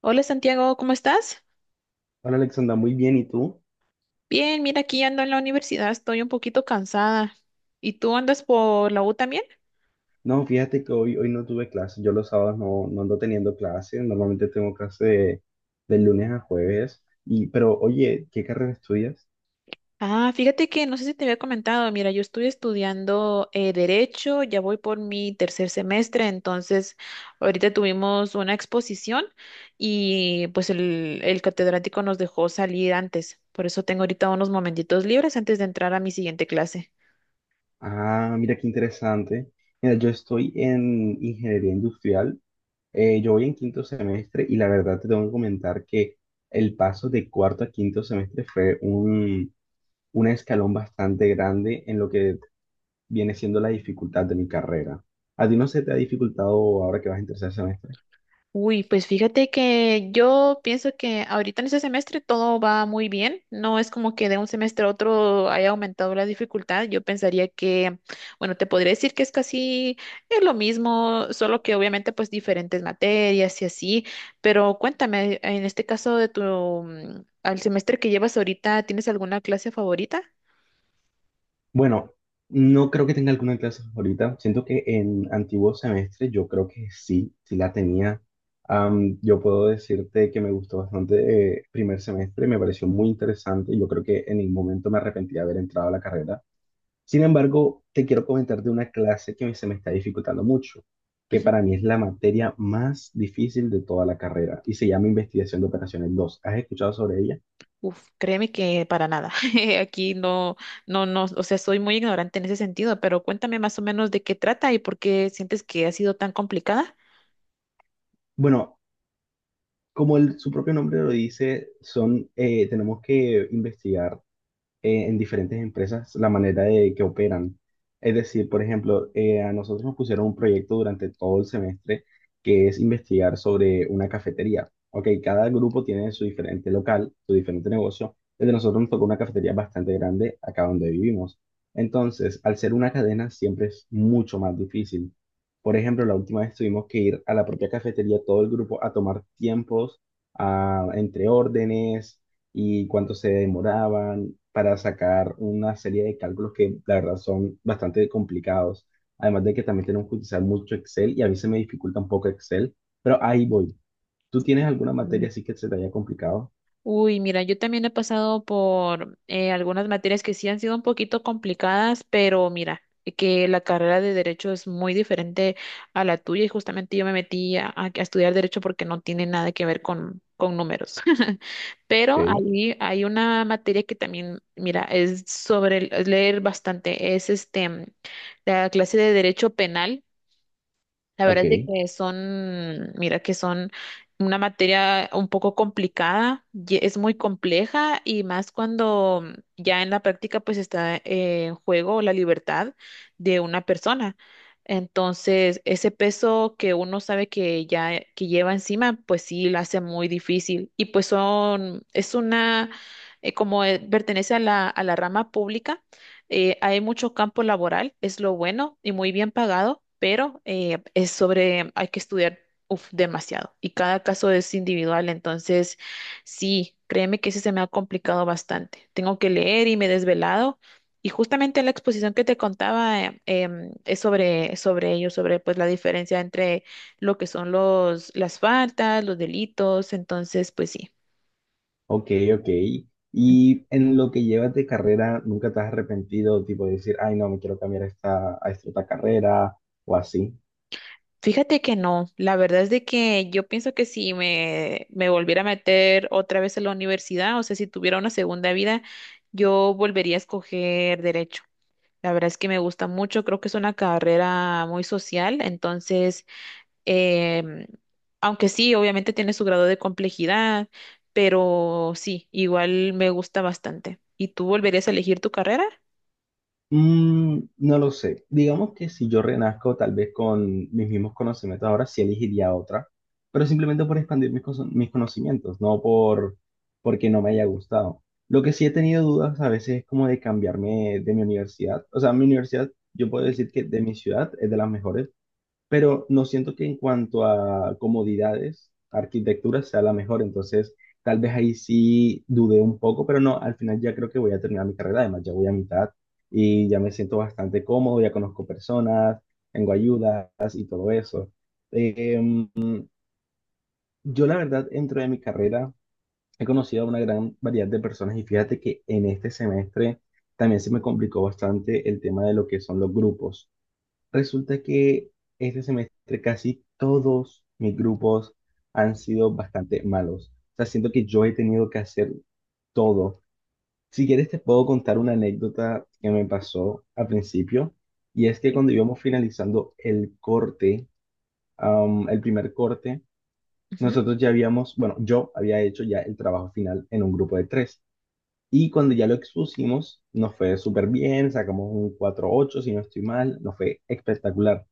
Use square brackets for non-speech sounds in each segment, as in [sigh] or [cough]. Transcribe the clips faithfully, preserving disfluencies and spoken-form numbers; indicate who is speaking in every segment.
Speaker 1: Hola Santiago, ¿cómo estás?
Speaker 2: Hola Alexandra, muy bien, ¿y tú?
Speaker 1: Bien, mira, aquí ando en la universidad, estoy un poquito cansada. ¿Y tú andas por la U también?
Speaker 2: No, fíjate que hoy, hoy no tuve clase, yo los sábados no, no ando teniendo clase, normalmente tengo clase de, de lunes a jueves, y, pero oye, ¿qué carrera estudias?
Speaker 1: Ah, fíjate que no sé si te había comentado, mira, yo estoy estudiando eh, Derecho, ya voy por mi tercer semestre, entonces ahorita tuvimos una exposición y pues el, el catedrático nos dejó salir antes, por eso tengo ahorita unos momentitos libres antes de entrar a mi siguiente clase.
Speaker 2: Ah, mira qué interesante. Mira, yo estoy en ingeniería industrial, eh, yo voy en quinto semestre y la verdad te tengo que comentar que el paso de cuarto a quinto semestre fue un, un escalón bastante grande en lo que viene siendo la dificultad de mi carrera. ¿A ti no se te ha dificultado ahora que vas en tercer semestre?
Speaker 1: Uy, pues fíjate que yo pienso que ahorita en este semestre todo va muy bien. No es como que de un semestre a otro haya aumentado la dificultad. Yo pensaría que, bueno, te podría decir que es casi eh, lo mismo, solo que obviamente pues diferentes materias y así. Pero cuéntame, en este caso de tu, mm, al semestre que llevas ahorita, ¿tienes alguna clase favorita?
Speaker 2: Bueno, no creo que tenga alguna clase favorita. Siento que en antiguos semestres yo creo que sí, sí la tenía. Am, yo puedo decirte que me gustó bastante eh, primer semestre, me pareció muy interesante. Yo creo que en ningún momento me arrepentí de haber entrado a la carrera. Sin embargo, te quiero comentar de una clase que me- se me está dificultando mucho, que para mí es la materia más difícil de toda la carrera y se llama Investigación de Operaciones dos. ¿Has escuchado sobre ella?
Speaker 1: Uf, créeme que para nada. [laughs] Aquí no, no, no, o sea, soy muy ignorante en ese sentido, pero cuéntame más o menos de qué trata y por qué sientes que ha sido tan complicada.
Speaker 2: Bueno, como el- su propio nombre lo dice, son, eh, tenemos que investigar eh, en diferentes empresas la manera de que operan. Es decir, por ejemplo, eh, a nosotros nos pusieron un proyecto durante todo el semestre que es investigar sobre una cafetería. Ok, cada grupo tiene su diferente local, su diferente negocio. El de nosotros nos tocó una cafetería bastante grande acá donde vivimos. Entonces, al ser una cadena, siempre es mucho más difícil. Por ejemplo, la última vez tuvimos que ir a la propia cafetería, todo el grupo, a tomar tiempos, a- entre órdenes y cuánto se demoraban para sacar una serie de cálculos que la verdad son bastante complicados. Además de que también tenemos que utilizar mucho Excel y a mí se me dificulta un poco Excel, pero ahí voy. ¿Tú tienes alguna
Speaker 1: Mm.
Speaker 2: materia así que se te haya complicado?
Speaker 1: Uy, mira, yo también he pasado por eh, algunas materias que sí han sido un poquito complicadas, pero mira, que la carrera de derecho es muy diferente a la tuya y justamente yo me metí a, a- a estudiar derecho porque no tiene nada que ver con, con números. Pero
Speaker 2: Ok,
Speaker 1: ahí hay una materia que también, mira, es sobre el- es leer bastante, es este, mm, la clase de Derecho Penal. La verdad
Speaker 2: ok,
Speaker 1: es de que son, mira, que son una materia un poco complicada, ye- es muy compleja y más cuando ya en la práctica pues está eh, en juego la libertad de una persona. Entonces, ese peso que uno sabe que ya que lleva encima, pues sí, la hace muy difícil. Y pues son, es una, eh, como eh, pertenece a la, a la rama pública. Eh, hay mucho campo laboral, es lo bueno y muy bien pagado, pero eh, es sobre, hay que estudiar uf, demasiado y cada caso es individual, entonces sí, créeme que ese se me ha complicado bastante. Tengo que leer y me he desvelado y justamente la exposición que te contaba eh, em, es sobre, sobre ello, sobre pues la diferencia entre lo que son los, las faltas, los delitos, entonces pues sí.
Speaker 2: ok, ok. Y en lo que llevas de carrera, ¿nunca te has arrepentido, tipo de decir, ay, no, me quiero cambiar a esta, a esta otra carrera o así?
Speaker 1: Fíjate que no, la verdad es de que yo pienso que si me, me volviera a meter otra vez a la universidad, o sea, si tuviera una segunda vida, yo volvería a escoger derecho. La verdad es que me gusta mucho, creo que es una carrera muy social, entonces, em, aunque sí, obviamente tiene su grado de complejidad, pero sí, igual me gusta bastante. ¿Y tú volverías a elegir tu carrera?
Speaker 2: Mm, no lo sé. Digamos que si yo renazco tal vez con mis mismos conocimientos ahora, sí elegiría otra, pero simplemente por expandir mis, cono- mis conocimientos, no por porque no me haya gustado. Lo que sí he tenido dudas a veces es como de cambiarme de mi universidad. O sea, mi universidad, yo puedo decir que de mi ciudad es de las mejores, pero no siento que en cuanto a comodidades, arquitectura sea la mejor, entonces tal vez ahí sí dudé un poco, pero no, al final ya creo que voy a terminar mi carrera, además ya voy a mitad y ya me siento bastante cómodo, ya conozco personas, tengo ayudas y todo eso. Em, yo la verdad, dentro de mi carrera, he conocido a una gran variedad de personas y fíjate que en este semestre también se me complicó bastante el tema de lo que son los grupos. Resulta que este semestre casi todos mis grupos han sido bastante malos. O sea, siento que yo he tenido que hacer todo. Si quieres te puedo contar una anécdota que me pasó al principio. Y es que cuando íbamos finalizando el corte, am, el primer corte, nosotros ya habíamos, bueno, yo había hecho ya el trabajo final en un grupo de tres. Y cuando ya lo expusimos, nos fue súper bien, sacamos un cuatro ocho si no estoy mal, nos fue espectacular.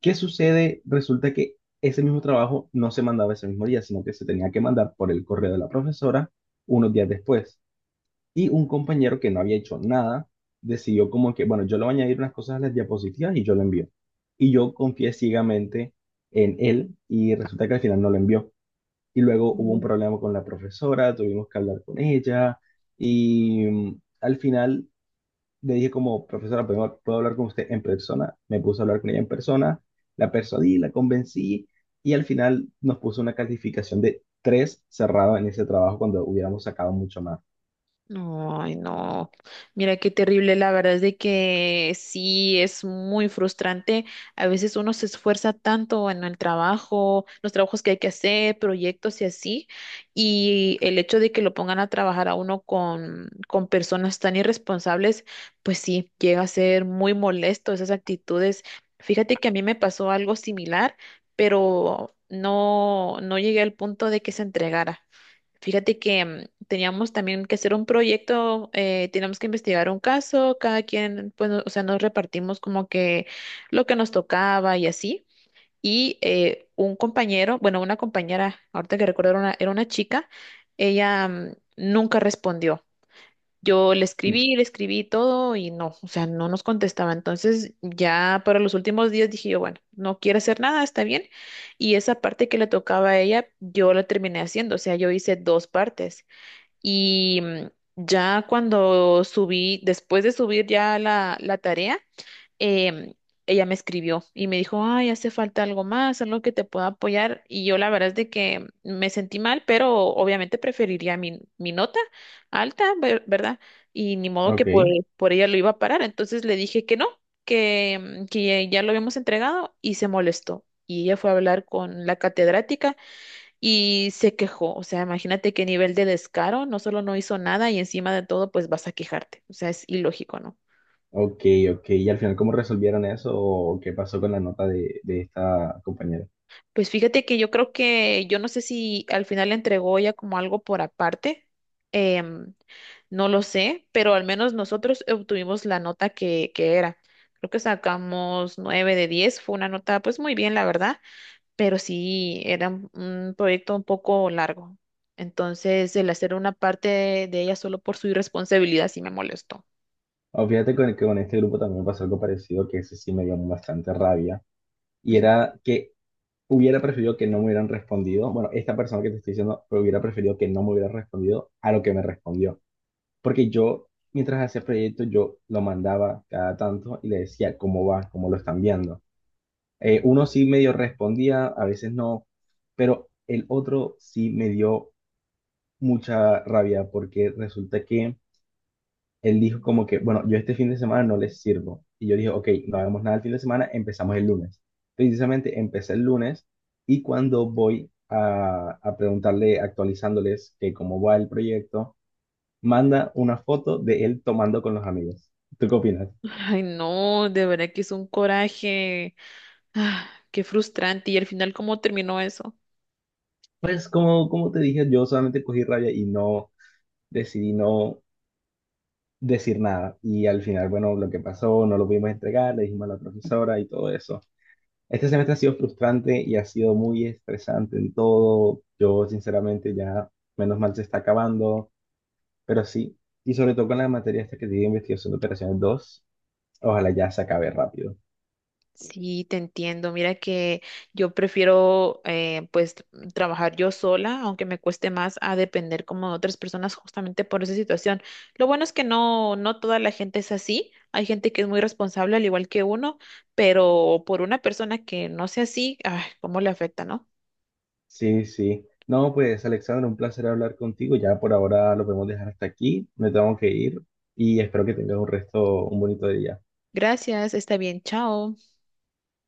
Speaker 2: ¿Qué sucede? Resulta que ese mismo trabajo no se mandaba ese mismo día, sino que se tenía que mandar por el correo de la profesora unos días después. Y un compañero que no había hecho nada decidió como que, bueno, yo le voy a añadir unas cosas a las diapositivas y yo lo envío. Y yo confié ciegamente en él y resulta que al final no lo envió. Y luego hubo un
Speaker 1: Ujú.
Speaker 2: problema con la profesora, tuvimos que hablar con ella y mm, al final le dije como, profesora, ¿puedo, puedo hablar con usted en persona? Me puse a hablar con ella en persona, la persuadí, la convencí y al final nos puso una calificación de tres cerrado en ese trabajo cuando hubiéramos sacado mucho más.
Speaker 1: No, ay, no. Mira qué terrible. La verdad es de que sí es muy frustrante. A veces uno se esfuerza tanto en el trabajo, los trabajos que hay que hacer, proyectos y así. Y el hecho de que lo pongan a trabajar a uno con, con personas tan irresponsables, pues sí, llega a ser muy molesto esas actitudes. Fíjate que a mí me pasó algo similar, pero no, no llegué al punto de que se entregara. Fíjate que mm, teníamos también que hacer un proyecto, eh, teníamos que investigar un caso, cada quien, pues, no- o sea, nos repartimos como que lo que nos tocaba y así. Y eh, un compañero, bueno, una compañera, ahorita que recuerdo, era una, era una chica, ella mm, nunca respondió. Yo le escribí, le escribí todo y no, o sea, no nos contestaba. Entonces, ya para los últimos días dije yo, bueno, no quiere hacer nada, está bien. Y esa parte que le tocaba a ella, yo la terminé haciendo, o sea, yo hice dos partes. Y mm, ya cuando subí, después de subir ya la, la tarea, em, ella me escribió y me dijo, ay, hace falta algo más, algo que te pueda apoyar. Y yo la verdad es de que me sentí mal, pero obviamente preferiría mi, mi nota alta, ver- ¿verdad? Y ni modo que
Speaker 2: Ok,
Speaker 1: por, por ella lo iba a parar. Entonces le dije que no, que, mm, que ya ya lo habíamos entregado y se molestó. Y ella fue a hablar con la catedrática y se quejó. O sea, imagínate qué nivel de descaro, no solo no hizo nada y encima de todo, pues vas a quejarte. O sea, es ilógico, ¿no?
Speaker 2: ok, ok. ¿Y al final cómo resolvieron eso o qué pasó con la nota de, de esta compañera?
Speaker 1: Pues fíjate que yo creo que, yo no sé si al final le entregó ya como algo por aparte, em, no lo sé, pero al menos nosotros obtuvimos la nota que, que era. Creo que sacamos nueve de diez, fue una nota pues muy bien, la verdad, pero sí era un un proyecto un poco largo. Entonces, el hacer una parte de ella solo por su irresponsabilidad sí me molestó.
Speaker 2: Oh, fíjate con, que con este grupo también me pasó algo parecido que ese sí me dio bastante rabia y
Speaker 1: Ujú.
Speaker 2: era que hubiera preferido que no me hubieran respondido, bueno, esta persona que te estoy diciendo, pero hubiera preferido que no me hubiera respondido a lo que me respondió, porque yo, mientras hacía proyectos, yo lo mandaba cada tanto y le decía cómo va, cómo lo están viendo. Eh, uno sí medio respondía, a veces no, pero el otro sí me dio mucha rabia porque resulta que él dijo como que, bueno, yo este fin de semana no les sirvo. Y yo dije, ok, no hagamos nada el fin de semana, empezamos el lunes. Precisamente empecé el lunes y cuando voy a, a preguntarle, actualizándoles que cómo va el proyecto, manda una foto de él tomando con los amigos. ¿Tú qué opinas?
Speaker 1: Ay, no, de verdad que es un coraje. Ah, qué frustrante. Y al final, ¿cómo terminó eso?
Speaker 2: Pues como, como te dije, yo solamente cogí rabia y no decidí no decir nada. Y al final, bueno, lo que pasó, no lo pudimos entregar, le dijimos a la profesora y todo eso. Este semestre ha sido frustrante y ha sido muy estresante en todo. Yo, sinceramente, ya menos mal se está acabando, pero sí, y sobre todo con la materia esta que tiene investigación de operaciones dos. Ojalá ya se acabe rápido.
Speaker 1: Sí, te entiendo. Mira que yo prefiero eh, pues trabajar yo sola, aunque me cueste más a depender como de otras personas justamente por esa situación. Lo bueno es que no, no toda la gente es así. Hay gente que es muy responsable al igual que uno, pero por una persona que no sea así, ay, cómo le afecta, ¿no?
Speaker 2: Sí, sí. No, pues, Alexandra, un placer hablar contigo. Ya por ahora lo podemos dejar hasta aquí. Me tengo que ir y espero que tengas un resto, un bonito día.
Speaker 1: Gracias, está bien, chao.